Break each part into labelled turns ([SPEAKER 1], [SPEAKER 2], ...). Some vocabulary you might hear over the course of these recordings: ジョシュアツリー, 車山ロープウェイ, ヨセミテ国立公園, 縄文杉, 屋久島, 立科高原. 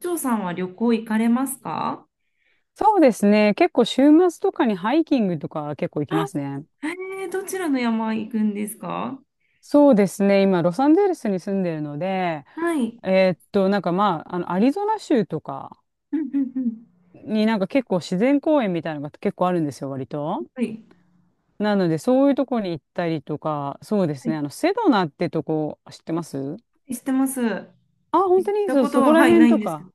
[SPEAKER 1] 長さんは旅行行かれますか？
[SPEAKER 2] そうですね。結構週末とかにハイキングとか結構行き
[SPEAKER 1] あ、
[SPEAKER 2] ますね。
[SPEAKER 1] どちらの山行くんですか？
[SPEAKER 2] そうですね。今、ロサンゼルスに住んでるので、
[SPEAKER 1] はい。
[SPEAKER 2] なんかまあ、アリゾナ州とか
[SPEAKER 1] うんうんうん。
[SPEAKER 2] になんか結構自然公園みたいなのが結構あるんですよ、割と。
[SPEAKER 1] はい。
[SPEAKER 2] なので、そういうとこに行ったりとか、そうで
[SPEAKER 1] は
[SPEAKER 2] すね。
[SPEAKER 1] い、
[SPEAKER 2] あの、セドナってとこ知ってます？
[SPEAKER 1] 知ってます。行
[SPEAKER 2] あ、本
[SPEAKER 1] っ
[SPEAKER 2] 当に
[SPEAKER 1] た
[SPEAKER 2] そう、
[SPEAKER 1] こと
[SPEAKER 2] そこ
[SPEAKER 1] は、
[SPEAKER 2] ら
[SPEAKER 1] はい、
[SPEAKER 2] 辺
[SPEAKER 1] ない
[SPEAKER 2] と
[SPEAKER 1] んですけ
[SPEAKER 2] か。
[SPEAKER 1] ど。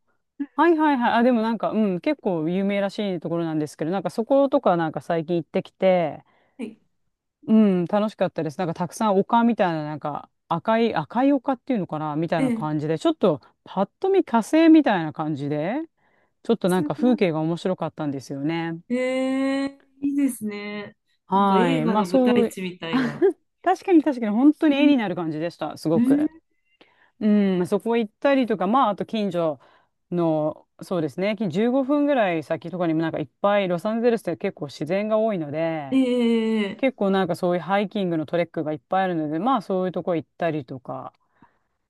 [SPEAKER 2] はいはいはい。あ、でもなんか、うん、結構有名らしいところなんですけど、なんかそことかなんか最近行ってきて、
[SPEAKER 1] はい。
[SPEAKER 2] うん、楽しかったです。なんかたくさん丘みたいな、なんか赤い丘っていうのかなみたい
[SPEAKER 1] え
[SPEAKER 2] な
[SPEAKER 1] え、
[SPEAKER 2] 感じで、ちょっとパッと見火星みたいな感じで、ちょっとな
[SPEAKER 1] す
[SPEAKER 2] んか風
[SPEAKER 1] ごい。
[SPEAKER 2] 景が面白かったんですよね。
[SPEAKER 1] ええ、いいですね。なんか
[SPEAKER 2] は
[SPEAKER 1] 映
[SPEAKER 2] い。
[SPEAKER 1] 画
[SPEAKER 2] まあ
[SPEAKER 1] の舞
[SPEAKER 2] そ
[SPEAKER 1] 台
[SPEAKER 2] う、
[SPEAKER 1] 地みたいな。
[SPEAKER 2] 確かに本当
[SPEAKER 1] う
[SPEAKER 2] に絵
[SPEAKER 1] ん。
[SPEAKER 2] になる感じでした。す
[SPEAKER 1] う
[SPEAKER 2] ご
[SPEAKER 1] ん、
[SPEAKER 2] く。うん、そこ行ったりとか、まああと近所の、そうですね、15分ぐらい先とかにもなんかいっぱいロサンゼルスって結構自然が多いので、
[SPEAKER 1] ええ、
[SPEAKER 2] 結構なんかそういうハイキングのトレックがいっぱいあるので、まあそういうとこ行ったりとか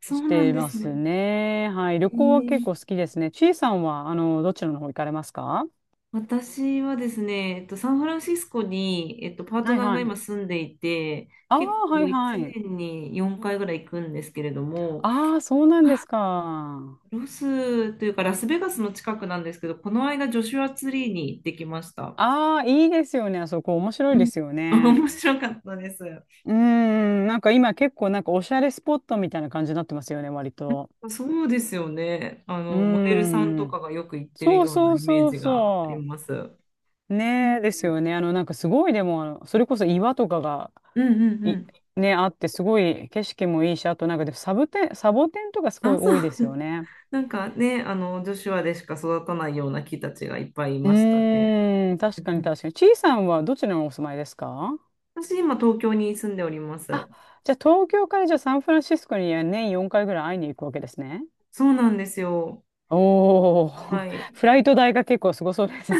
[SPEAKER 1] そ
[SPEAKER 2] し
[SPEAKER 1] うなん
[SPEAKER 2] て
[SPEAKER 1] で
[SPEAKER 2] ま
[SPEAKER 1] す
[SPEAKER 2] す
[SPEAKER 1] ね。
[SPEAKER 2] ね。はい。旅行は結構好
[SPEAKER 1] ええ、
[SPEAKER 2] きですね。ちいさんは、あの、どちらの方行かれますか？
[SPEAKER 1] 私はですね、サンフランシスコに、パート
[SPEAKER 2] はい
[SPEAKER 1] ナー
[SPEAKER 2] は
[SPEAKER 1] が今
[SPEAKER 2] い。
[SPEAKER 1] 住んでいて、
[SPEAKER 2] あ
[SPEAKER 1] 結
[SPEAKER 2] あ、は
[SPEAKER 1] 構
[SPEAKER 2] いは
[SPEAKER 1] 1
[SPEAKER 2] い。
[SPEAKER 1] 年に4回ぐらい行くんですけれども、
[SPEAKER 2] ああ、そうなんですか。
[SPEAKER 1] ロスというかラスベガスの近くなんですけど、この間ジョシュアツリーに行ってきました。
[SPEAKER 2] ああ、いいですよね。あそこ面白
[SPEAKER 1] う
[SPEAKER 2] いで
[SPEAKER 1] ん。
[SPEAKER 2] すよ ね。
[SPEAKER 1] 面白かったです。な
[SPEAKER 2] うーん、なんか今結構なんかおしゃれスポットみたいな感じになってますよね、割
[SPEAKER 1] ん
[SPEAKER 2] と。
[SPEAKER 1] かそうですよね。
[SPEAKER 2] うー
[SPEAKER 1] モデルさんとか
[SPEAKER 2] ん。
[SPEAKER 1] がよく行ってる
[SPEAKER 2] そう
[SPEAKER 1] よう
[SPEAKER 2] そ
[SPEAKER 1] な
[SPEAKER 2] う
[SPEAKER 1] イメー
[SPEAKER 2] そう
[SPEAKER 1] ジがあり
[SPEAKER 2] そう。
[SPEAKER 1] ます。うん
[SPEAKER 2] ねえ、ですよね。あの、なんかすごいでも、あのそれこそ岩とかが、
[SPEAKER 1] うんうんう
[SPEAKER 2] い、
[SPEAKER 1] ん。
[SPEAKER 2] ね、あって、すごい景色もいいし、あとなんかでサボテンとかすご
[SPEAKER 1] あ、
[SPEAKER 2] い
[SPEAKER 1] そ
[SPEAKER 2] 多いですよ
[SPEAKER 1] う。
[SPEAKER 2] ね。
[SPEAKER 1] なんかね、女子話でしか育たないような木たちがいっぱいい
[SPEAKER 2] う
[SPEAKER 1] ましたね。
[SPEAKER 2] ーん、確か
[SPEAKER 1] う
[SPEAKER 2] に
[SPEAKER 1] ん。
[SPEAKER 2] 確かに。ちいさんはどちらにお住まいですか？
[SPEAKER 1] 私、今、東京に住んでおります。
[SPEAKER 2] あ、じゃあ東京からじゃあサンフランシスコに年4回ぐらい会いに行くわけですね。
[SPEAKER 1] そうなんですよ。
[SPEAKER 2] お
[SPEAKER 1] は
[SPEAKER 2] ー、
[SPEAKER 1] い。
[SPEAKER 2] フライト代が結構すごそうですね。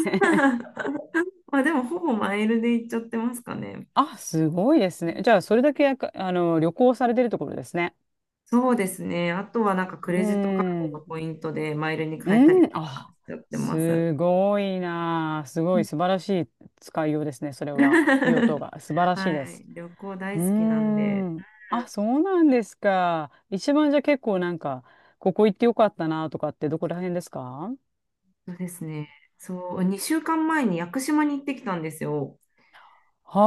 [SPEAKER 1] まあ、でも、ほぼマイルで行っちゃってますかね。
[SPEAKER 2] あ、すごいですね。じゃあそれだけやかあの旅行されてるところですね。
[SPEAKER 1] そうですね。あとは、なんか、ク
[SPEAKER 2] うー
[SPEAKER 1] レジットカードの
[SPEAKER 2] ん。
[SPEAKER 1] ポイントでマイルに変えたり
[SPEAKER 2] うん、
[SPEAKER 1] とか
[SPEAKER 2] あ、
[SPEAKER 1] しちゃってます。
[SPEAKER 2] すごいなあ。す
[SPEAKER 1] う
[SPEAKER 2] ごい
[SPEAKER 1] ん。
[SPEAKER 2] 素晴らしい使いようですね、それは。用途 が素晴らしいで
[SPEAKER 1] は
[SPEAKER 2] す。
[SPEAKER 1] い。旅行
[SPEAKER 2] うー
[SPEAKER 1] 大好きなんで。うん。
[SPEAKER 2] ん。あ、そうなんですか。一番じゃあ結構なんか、ここ行ってよかったなとかってどこら辺ですか？
[SPEAKER 1] そうですね。そう、2週間前に屋久島に行ってきたんですよ。
[SPEAKER 2] は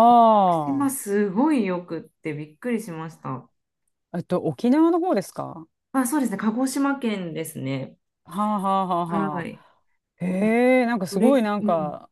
[SPEAKER 1] 島すごいよくってびっくりしました。
[SPEAKER 2] あ。えっと、沖縄の方ですか？は
[SPEAKER 1] あ、そうですね。鹿児島県ですね。
[SPEAKER 2] あはあはあ
[SPEAKER 1] は
[SPEAKER 2] は
[SPEAKER 1] い。
[SPEAKER 2] あ。へえ、なんか
[SPEAKER 1] そ
[SPEAKER 2] す
[SPEAKER 1] れ、
[SPEAKER 2] ごいなん
[SPEAKER 1] うん。
[SPEAKER 2] か、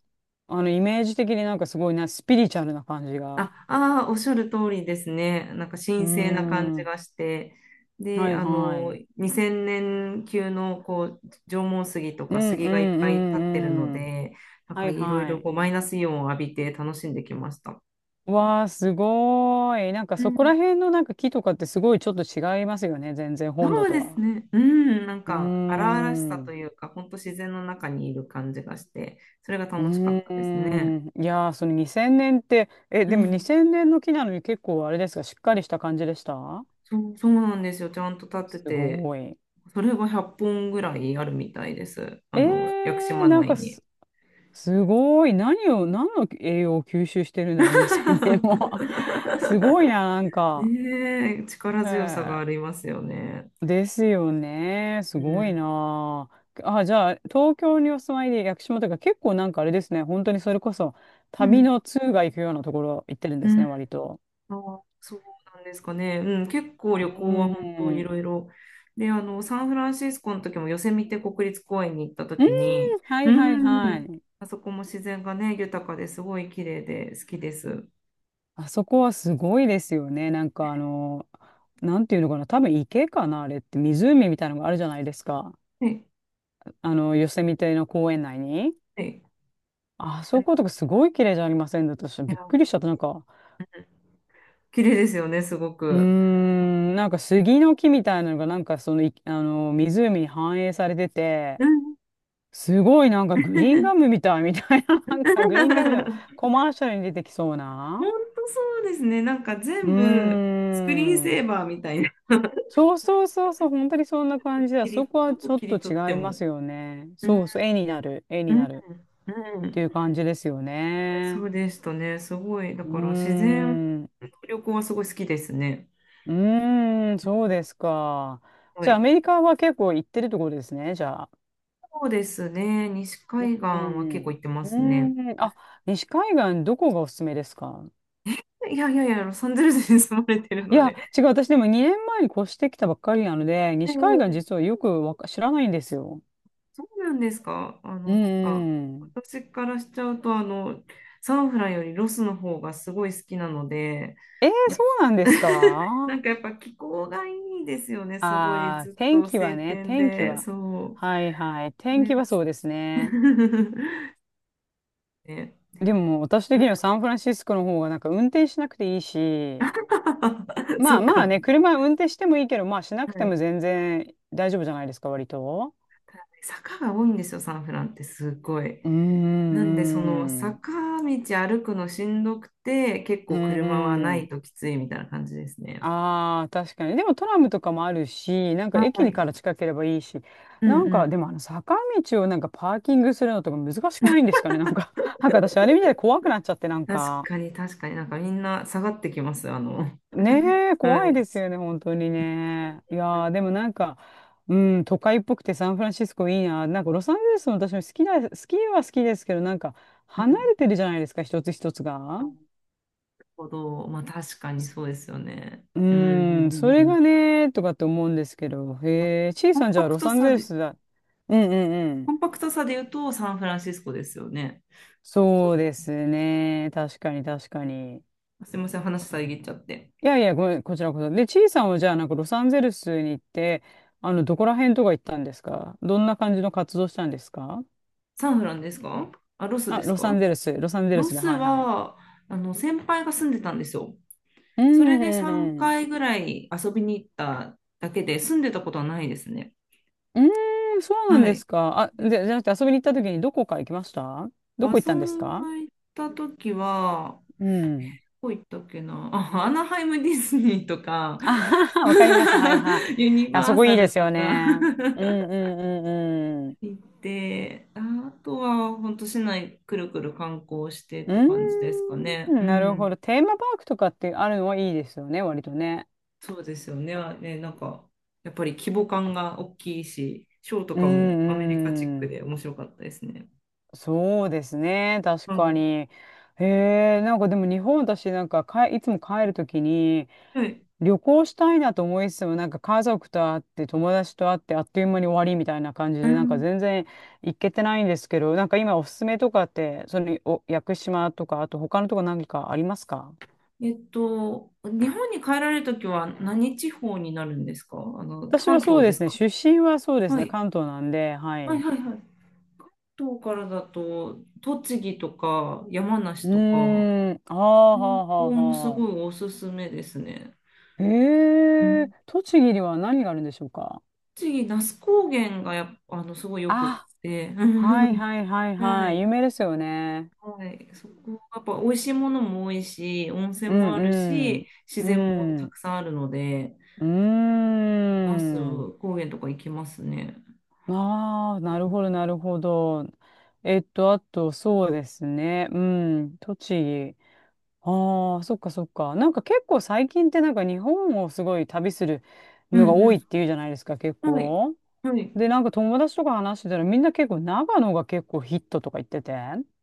[SPEAKER 2] あの、イメージ的になんかすごいな、スピリチュアルな感じが。
[SPEAKER 1] あ、あー、おっしゃる通りですね。なんか
[SPEAKER 2] うー
[SPEAKER 1] 神聖な感じ
[SPEAKER 2] ん。
[SPEAKER 1] がして。で、
[SPEAKER 2] はいはい。
[SPEAKER 1] 2000年級のこう縄文杉と
[SPEAKER 2] う
[SPEAKER 1] か
[SPEAKER 2] ん
[SPEAKER 1] 杉
[SPEAKER 2] う
[SPEAKER 1] がいっ
[SPEAKER 2] ん
[SPEAKER 1] ぱい立ってるの
[SPEAKER 2] うんうん。
[SPEAKER 1] で、なん
[SPEAKER 2] は
[SPEAKER 1] か
[SPEAKER 2] い
[SPEAKER 1] いろい
[SPEAKER 2] は
[SPEAKER 1] ろ
[SPEAKER 2] い。
[SPEAKER 1] こうマイナスイオンを浴びて楽しんできました。
[SPEAKER 2] わあ、すごーい。なんかそこら辺のなんか木とかってすごいちょっと違いますよね。全然本土
[SPEAKER 1] そう
[SPEAKER 2] と
[SPEAKER 1] です
[SPEAKER 2] は。
[SPEAKER 1] ね。うん、なん
[SPEAKER 2] うー
[SPEAKER 1] か荒々しさと
[SPEAKER 2] ん。
[SPEAKER 1] いうか、本当自然の中にいる感じがして、それが
[SPEAKER 2] うー
[SPEAKER 1] 楽しかったですね。
[SPEAKER 2] ん。いやー、その2000年って、え、
[SPEAKER 1] う
[SPEAKER 2] でも
[SPEAKER 1] ん、
[SPEAKER 2] 2000年の木なのに結構あれですか、しっかりした感じでした？
[SPEAKER 1] そう、そうなんですよ。ちゃんと立って
[SPEAKER 2] す
[SPEAKER 1] て、
[SPEAKER 2] ごい。
[SPEAKER 1] それが100本ぐらいあるみたいです。
[SPEAKER 2] え
[SPEAKER 1] 屋久
[SPEAKER 2] ー、
[SPEAKER 1] 島内に。
[SPEAKER 2] すごい。何の栄養を吸収してるんだろう、2 0年も。すごい な、なんか。
[SPEAKER 1] ねえ、力
[SPEAKER 2] へ
[SPEAKER 1] 強さが
[SPEAKER 2] え。
[SPEAKER 1] ありますよね。
[SPEAKER 2] ですよね。す
[SPEAKER 1] う
[SPEAKER 2] ごい
[SPEAKER 1] ん、
[SPEAKER 2] なあ。あ、じゃあ、東京にお住まいで屋久島とか結構なんかあれですね。本当にそれこそ
[SPEAKER 1] う
[SPEAKER 2] 旅
[SPEAKER 1] ん、
[SPEAKER 2] の通が行くようなところ行ってるんで
[SPEAKER 1] う
[SPEAKER 2] す
[SPEAKER 1] ん。
[SPEAKER 2] ね、割と。
[SPEAKER 1] あー、そうなんですかね。うん、結構
[SPEAKER 2] う
[SPEAKER 1] 旅行は本当
[SPEAKER 2] ー
[SPEAKER 1] い
[SPEAKER 2] ん。
[SPEAKER 1] ろいろ。で、サンフランシスコの時もヨセミテ国立公園に行った
[SPEAKER 2] うん、
[SPEAKER 1] 時に、
[SPEAKER 2] は
[SPEAKER 1] う
[SPEAKER 2] いはいは
[SPEAKER 1] ん、
[SPEAKER 2] い。
[SPEAKER 1] あそこも自然がね、豊かですごい綺麗で好きです。
[SPEAKER 2] あそこはすごいですよね。なんかあの、なんていうのかな。多分池かな、あれって。湖みたいなのがあるじゃないですか。
[SPEAKER 1] はい、
[SPEAKER 2] あの、ヨセミテの公園内に。
[SPEAKER 1] はい。
[SPEAKER 2] あ
[SPEAKER 1] あ
[SPEAKER 2] そ
[SPEAKER 1] れ、
[SPEAKER 2] ことかすごい綺麗じゃありませんだと
[SPEAKER 1] いや、
[SPEAKER 2] びっくりしちゃった。なんか、
[SPEAKER 1] 綺麗ですよね、すご
[SPEAKER 2] うー
[SPEAKER 1] く。
[SPEAKER 2] ん、なんか杉の木みたいなのがなんかその、あの、湖に反映されてて、
[SPEAKER 1] うん。
[SPEAKER 2] すごいなんかグリーンガムみたいみたいな、なんかグリーンガムの コマーシャルに出てきそうな。
[SPEAKER 1] 本当そうですね。なんか
[SPEAKER 2] うー
[SPEAKER 1] 全部スクリーンセ
[SPEAKER 2] ん。
[SPEAKER 1] ーバーみたいな。
[SPEAKER 2] そうそうそうそう、本当にそんな感じだ。そこは
[SPEAKER 1] ど
[SPEAKER 2] ち
[SPEAKER 1] こ
[SPEAKER 2] ょっ
[SPEAKER 1] 切り
[SPEAKER 2] と
[SPEAKER 1] 取って
[SPEAKER 2] 違いま
[SPEAKER 1] も。
[SPEAKER 2] すよね。
[SPEAKER 1] うん、
[SPEAKER 2] そうそう、絵
[SPEAKER 1] う
[SPEAKER 2] に
[SPEAKER 1] ん、
[SPEAKER 2] なる
[SPEAKER 1] う
[SPEAKER 2] って
[SPEAKER 1] ん。
[SPEAKER 2] いう感じですよ
[SPEAKER 1] そ
[SPEAKER 2] ね。
[SPEAKER 1] うでしたね。すごい。だ
[SPEAKER 2] う
[SPEAKER 1] から自
[SPEAKER 2] ー
[SPEAKER 1] 然
[SPEAKER 2] ん。う
[SPEAKER 1] の旅行はすごい好きですね。
[SPEAKER 2] ーん、そうですか。
[SPEAKER 1] は
[SPEAKER 2] じゃあア
[SPEAKER 1] い。
[SPEAKER 2] メリカは結構行ってるところですね、じゃあ。
[SPEAKER 1] そうですね。西海岸
[SPEAKER 2] う
[SPEAKER 1] は
[SPEAKER 2] ん。
[SPEAKER 1] 結
[SPEAKER 2] う
[SPEAKER 1] 構行ってますね。
[SPEAKER 2] ん。あ、西海岸どこがおすすめですか？
[SPEAKER 1] いやいやいや、ロサンゼルスに住まれてる
[SPEAKER 2] い
[SPEAKER 1] の
[SPEAKER 2] や、
[SPEAKER 1] で。
[SPEAKER 2] 違う。私でも2年前に越してきたばっかりなので、
[SPEAKER 1] え
[SPEAKER 2] 西海岸実
[SPEAKER 1] え、
[SPEAKER 2] はよくわか知らないんですよ。
[SPEAKER 1] そうなんですか？
[SPEAKER 2] う
[SPEAKER 1] なんか、
[SPEAKER 2] ん。
[SPEAKER 1] 私からしちゃうと、サンフランよりロスの方がすごい好きなので、
[SPEAKER 2] えー、
[SPEAKER 1] やっ
[SPEAKER 2] そうなんです
[SPEAKER 1] な
[SPEAKER 2] か？
[SPEAKER 1] んかやっぱ気候がいいですよね。すごい
[SPEAKER 2] ああー、
[SPEAKER 1] ずっと晴天
[SPEAKER 2] 天気
[SPEAKER 1] で、
[SPEAKER 2] は。
[SPEAKER 1] そ
[SPEAKER 2] はいはい。
[SPEAKER 1] う。そ
[SPEAKER 2] 天
[SPEAKER 1] れ
[SPEAKER 2] 気
[SPEAKER 1] が
[SPEAKER 2] はそうですね。
[SPEAKER 1] ね。
[SPEAKER 2] でも私
[SPEAKER 1] う
[SPEAKER 2] 的
[SPEAKER 1] ん。
[SPEAKER 2] にはサンフランシスコの方がなんか運転しなくていいし、ま
[SPEAKER 1] そ
[SPEAKER 2] あ
[SPEAKER 1] っ
[SPEAKER 2] まあ
[SPEAKER 1] か。
[SPEAKER 2] ね、車運転してもいいけど、まあしなく
[SPEAKER 1] は
[SPEAKER 2] ても
[SPEAKER 1] い。
[SPEAKER 2] 全然大丈夫じゃないですか、割と。
[SPEAKER 1] 坂が多いんですよ、サンフランってすごい。
[SPEAKER 2] うー
[SPEAKER 1] なんで、その
[SPEAKER 2] ん、う
[SPEAKER 1] 坂道歩くのしんどくて、結
[SPEAKER 2] ー
[SPEAKER 1] 構
[SPEAKER 2] ん、
[SPEAKER 1] 車は
[SPEAKER 2] う
[SPEAKER 1] ない
[SPEAKER 2] ん。
[SPEAKER 1] ときついみたいな感じですね。
[SPEAKER 2] ああー、確かに。でもトラムとかもあるし、なんか
[SPEAKER 1] は
[SPEAKER 2] 駅
[SPEAKER 1] い。
[SPEAKER 2] から近ければいいし、
[SPEAKER 1] うん
[SPEAKER 2] なん
[SPEAKER 1] う
[SPEAKER 2] か
[SPEAKER 1] ん。
[SPEAKER 2] でもあの坂道をなんかパーキングするのとか難しくないんですかね。なんか、なんか私あれ見た怖くなっちゃって、なん
[SPEAKER 1] 確
[SPEAKER 2] か、
[SPEAKER 1] かに、確かに、なんかみんな下がってきます。
[SPEAKER 2] ねえ、
[SPEAKER 1] は
[SPEAKER 2] 怖い
[SPEAKER 1] い。
[SPEAKER 2] ですよね、本当に
[SPEAKER 1] う
[SPEAKER 2] ね。い
[SPEAKER 1] ん
[SPEAKER 2] やー、でもなんか、うん、都会っぽくてサンフランシスコいいな。なんかロサンゼルスも私も好きだ、好きは好きですけど、なんか
[SPEAKER 1] うんうん
[SPEAKER 2] 離
[SPEAKER 1] うん。
[SPEAKER 2] れてるじゃないですか、一つ一つが。
[SPEAKER 1] なるほど。まあ確かにそうですよね。
[SPEAKER 2] う
[SPEAKER 1] うんう
[SPEAKER 2] ーん、
[SPEAKER 1] ん
[SPEAKER 2] そ
[SPEAKER 1] う
[SPEAKER 2] れ
[SPEAKER 1] んうん。
[SPEAKER 2] がね、とかって思うんですけど、へえ、ちい
[SPEAKER 1] コン
[SPEAKER 2] さんじ
[SPEAKER 1] パ
[SPEAKER 2] ゃあ
[SPEAKER 1] ク
[SPEAKER 2] ロ
[SPEAKER 1] ト
[SPEAKER 2] サン
[SPEAKER 1] さ
[SPEAKER 2] ゼル
[SPEAKER 1] で、
[SPEAKER 2] スだ。うんうんう
[SPEAKER 1] コ
[SPEAKER 2] ん。
[SPEAKER 1] ンパクトさで言うとサンフランシスコですよね。
[SPEAKER 2] そうですね。確かに。
[SPEAKER 1] すいません、話遮っちゃって。
[SPEAKER 2] いやいや、ごめん、こちらこそ。で、ちいさんはじゃあなんかロサンゼルスに行って、あの、どこら辺とか行ったんですか？どんな感じの活動したんですか？
[SPEAKER 1] サンフランですか？あ、ロス
[SPEAKER 2] あ、
[SPEAKER 1] ですか？
[SPEAKER 2] ロサンゼル
[SPEAKER 1] ロ
[SPEAKER 2] スで、
[SPEAKER 1] ス
[SPEAKER 2] はいはい。
[SPEAKER 1] は、先輩が住んでたんですよ。
[SPEAKER 2] う
[SPEAKER 1] そ
[SPEAKER 2] ん
[SPEAKER 1] れで
[SPEAKER 2] うんう
[SPEAKER 1] 3
[SPEAKER 2] ん。
[SPEAKER 1] 回ぐらい遊びに行っただけで、住んでたことはないですね。
[SPEAKER 2] うーん、そうなん
[SPEAKER 1] は
[SPEAKER 2] で
[SPEAKER 1] い。
[SPEAKER 2] すか。あ、
[SPEAKER 1] で
[SPEAKER 2] で、
[SPEAKER 1] す。
[SPEAKER 2] じゃなくて遊びに行った時にどこか行きました？どこ行っ
[SPEAKER 1] 遊
[SPEAKER 2] たんです
[SPEAKER 1] んだ
[SPEAKER 2] か？
[SPEAKER 1] 行った時は、
[SPEAKER 2] うん。
[SPEAKER 1] どこ行ったっけなあ、アナハイムディズニーとか、
[SPEAKER 2] あははわかります。はいはい。
[SPEAKER 1] ユニ
[SPEAKER 2] あ
[SPEAKER 1] バ
[SPEAKER 2] そ
[SPEAKER 1] ー
[SPEAKER 2] こい
[SPEAKER 1] サ
[SPEAKER 2] いで
[SPEAKER 1] ル
[SPEAKER 2] す
[SPEAKER 1] と
[SPEAKER 2] よ
[SPEAKER 1] か
[SPEAKER 2] ね。うんう んうんうん。
[SPEAKER 1] 行って、あとは本当市内くるくる観光してって感じですかね。
[SPEAKER 2] うーん、
[SPEAKER 1] う
[SPEAKER 2] なる
[SPEAKER 1] ん。
[SPEAKER 2] ほど。テーマパークとかってあるのはいいですよね、割とね。
[SPEAKER 1] そうですよね。あね、なんか、やっぱり規模感が大きいし、ショーと
[SPEAKER 2] う
[SPEAKER 1] かもアメリカチッ
[SPEAKER 2] んう
[SPEAKER 1] ク
[SPEAKER 2] ん。
[SPEAKER 1] で面白かったですね。
[SPEAKER 2] そうですね、確
[SPEAKER 1] は
[SPEAKER 2] か
[SPEAKER 1] い。
[SPEAKER 2] に。へえ、なんかでも日本私なんかかえいつも帰るときに、
[SPEAKER 1] はい。
[SPEAKER 2] 旅行したいなと思いつつも、なんか家族と会って、友達と会って、あっという間に終わりみたいな感じ
[SPEAKER 1] う
[SPEAKER 2] で、なんか
[SPEAKER 1] ん、
[SPEAKER 2] 全然行けてないんですけど、なんか今おすすめとかって、そのお屋久島とか、あと他のとこ何かありますか？
[SPEAKER 1] 日本に帰られるときは何地方になるんですか？
[SPEAKER 2] 私は
[SPEAKER 1] 関
[SPEAKER 2] そ
[SPEAKER 1] 東
[SPEAKER 2] う
[SPEAKER 1] で
[SPEAKER 2] で
[SPEAKER 1] す
[SPEAKER 2] すね、
[SPEAKER 1] か？
[SPEAKER 2] 出身はそうです
[SPEAKER 1] は
[SPEAKER 2] ね、
[SPEAKER 1] い。
[SPEAKER 2] 関東なんで、は
[SPEAKER 1] は
[SPEAKER 2] い。
[SPEAKER 1] い
[SPEAKER 2] う
[SPEAKER 1] はいはい。関東からだと、栃木とか山
[SPEAKER 2] ー
[SPEAKER 1] 梨とか、
[SPEAKER 2] ん、あーは
[SPEAKER 1] うん、
[SPEAKER 2] あは
[SPEAKER 1] ここもす
[SPEAKER 2] あはあ。
[SPEAKER 1] ごいおすすめですね。
[SPEAKER 2] え
[SPEAKER 1] う
[SPEAKER 2] ー、
[SPEAKER 1] ん。
[SPEAKER 2] 栃木には何があるんでしょうか？
[SPEAKER 1] 栃木、那須高原がやっぱ、すごいよくっ
[SPEAKER 2] あ、
[SPEAKER 1] て。
[SPEAKER 2] はい はいはい
[SPEAKER 1] は
[SPEAKER 2] はい、有
[SPEAKER 1] い。
[SPEAKER 2] 名ですよね。
[SPEAKER 1] はい、そこやっぱ美味しいものも多いし、温泉
[SPEAKER 2] う
[SPEAKER 1] もある
[SPEAKER 2] ん
[SPEAKER 1] し、自
[SPEAKER 2] う
[SPEAKER 1] 然も
[SPEAKER 2] ん。う
[SPEAKER 1] た
[SPEAKER 2] ん。
[SPEAKER 1] くさんあるので、
[SPEAKER 2] うー
[SPEAKER 1] 那
[SPEAKER 2] ん。
[SPEAKER 1] 須高原とか行きますね。
[SPEAKER 2] ああ、なるほど。あと、そうですね。うん、栃木。ああ、そっか。なんか結構最近ってなんか日本をすごい旅する
[SPEAKER 1] う
[SPEAKER 2] のが多い
[SPEAKER 1] ん
[SPEAKER 2] っていうじゃないですか、結
[SPEAKER 1] うん。はい、
[SPEAKER 2] 構。
[SPEAKER 1] はい。
[SPEAKER 2] で、なんか友達とか話してたらみんな結構長野が結構ヒットとか言ってて。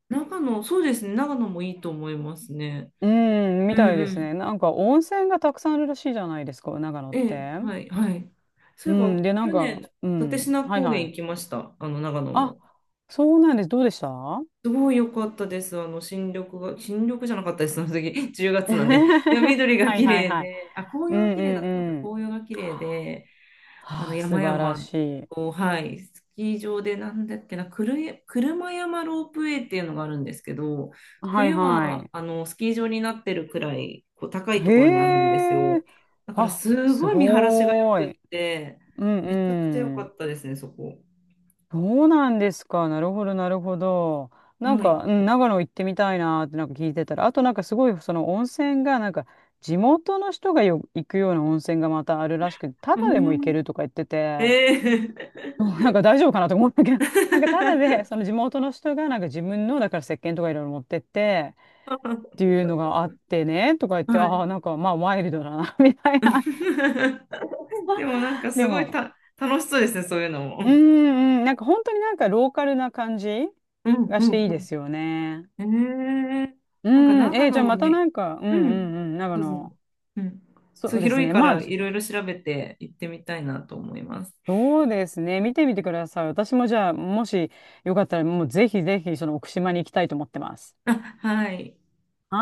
[SPEAKER 1] 長野、そうですね、長野もいいと思いますね。
[SPEAKER 2] うん、み
[SPEAKER 1] うん
[SPEAKER 2] たいで
[SPEAKER 1] う
[SPEAKER 2] す
[SPEAKER 1] ん。
[SPEAKER 2] ね。なんか温泉がたくさんあるらしいじゃないですか、長野っ
[SPEAKER 1] ええ、
[SPEAKER 2] て。
[SPEAKER 1] はい、はい。そ
[SPEAKER 2] う
[SPEAKER 1] ういえば、
[SPEAKER 2] ん、で、なん
[SPEAKER 1] 去
[SPEAKER 2] か、
[SPEAKER 1] 年、
[SPEAKER 2] う
[SPEAKER 1] 立
[SPEAKER 2] ん、
[SPEAKER 1] 科
[SPEAKER 2] はい
[SPEAKER 1] 高原
[SPEAKER 2] は
[SPEAKER 1] 行
[SPEAKER 2] い。
[SPEAKER 1] きました、あの長野
[SPEAKER 2] あ、
[SPEAKER 1] の。
[SPEAKER 2] そうなんです。どうでした？ は
[SPEAKER 1] すごい良かったです、あの新緑が、新緑じゃなかったです、その時、10月なんで。でも緑が
[SPEAKER 2] い
[SPEAKER 1] 綺
[SPEAKER 2] はい
[SPEAKER 1] 麗
[SPEAKER 2] はい。
[SPEAKER 1] で、あ、紅
[SPEAKER 2] う
[SPEAKER 1] 葉が
[SPEAKER 2] ん
[SPEAKER 1] 綺
[SPEAKER 2] う
[SPEAKER 1] 麗だ
[SPEAKER 2] ん
[SPEAKER 1] ったのか、
[SPEAKER 2] うん。
[SPEAKER 1] 紅葉が綺麗で、あの
[SPEAKER 2] はあ、
[SPEAKER 1] 山
[SPEAKER 2] 素晴ら
[SPEAKER 1] 々
[SPEAKER 2] しい。
[SPEAKER 1] を、はい、スキー場でなんだっけな、車山ロープウェイっていうのがあるんですけど、
[SPEAKER 2] はい
[SPEAKER 1] 冬
[SPEAKER 2] は
[SPEAKER 1] は
[SPEAKER 2] い。
[SPEAKER 1] あのスキー場になってるくらいこう高いところにあるんです
[SPEAKER 2] へ
[SPEAKER 1] よ。
[SPEAKER 2] え。
[SPEAKER 1] だから
[SPEAKER 2] あ、
[SPEAKER 1] す
[SPEAKER 2] す
[SPEAKER 1] ごい見晴らしが良
[SPEAKER 2] ご
[SPEAKER 1] く
[SPEAKER 2] ーい。
[SPEAKER 1] って、
[SPEAKER 2] うん
[SPEAKER 1] めちゃくちゃ良
[SPEAKER 2] う
[SPEAKER 1] か
[SPEAKER 2] ん。
[SPEAKER 1] ったですね、そこ。
[SPEAKER 2] そうなんですか。なるほど。なん
[SPEAKER 1] はい。
[SPEAKER 2] か、うん、長野行ってみたいなーってなんか聞いてたら、あとなんかすごいその温泉がなんか地元の人がよ行くような温泉がまたあるらしくて、タ
[SPEAKER 1] う
[SPEAKER 2] ダでも行け
[SPEAKER 1] ん。
[SPEAKER 2] るとか言ってて。
[SPEAKER 1] ええ。
[SPEAKER 2] そうなんか大丈夫かなと思ったけど、なんかただで、そ の地元の人が、なんか自分の、だから石鹸とかいろいろ持ってって、っていうのがあってね、とか言って、
[SPEAKER 1] は
[SPEAKER 2] ああ、
[SPEAKER 1] い。
[SPEAKER 2] なんかまあワイルドだな、みたいな。
[SPEAKER 1] でもなんか
[SPEAKER 2] で
[SPEAKER 1] すごい
[SPEAKER 2] も、
[SPEAKER 1] 楽しそうですね、そういうのも。
[SPEAKER 2] うんうん、なんか本当になんかローカルな感じ
[SPEAKER 1] うん
[SPEAKER 2] が
[SPEAKER 1] う
[SPEAKER 2] し
[SPEAKER 1] ん
[SPEAKER 2] ていい
[SPEAKER 1] う
[SPEAKER 2] で
[SPEAKER 1] ん。
[SPEAKER 2] すよね。
[SPEAKER 1] ええ、
[SPEAKER 2] う
[SPEAKER 1] なんか
[SPEAKER 2] ん、
[SPEAKER 1] 長
[SPEAKER 2] えーじ
[SPEAKER 1] 野
[SPEAKER 2] ゃあ
[SPEAKER 1] も
[SPEAKER 2] また
[SPEAKER 1] ね、
[SPEAKER 2] なんか、うんう
[SPEAKER 1] うん、
[SPEAKER 2] んうん、なんかあ
[SPEAKER 1] どうぞ。
[SPEAKER 2] の、
[SPEAKER 1] うん。
[SPEAKER 2] そ
[SPEAKER 1] そう、
[SPEAKER 2] うです
[SPEAKER 1] 広い
[SPEAKER 2] ね、
[SPEAKER 1] か
[SPEAKER 2] まあ、
[SPEAKER 1] ら
[SPEAKER 2] じ
[SPEAKER 1] いろいろ調べて行ってみたいなと思います。
[SPEAKER 2] そうですね、見てみてください。私もじゃあ、もしよかったら、もうぜひぜひ、その奥島に行きたいと思ってます。
[SPEAKER 1] あ、はい。
[SPEAKER 2] はい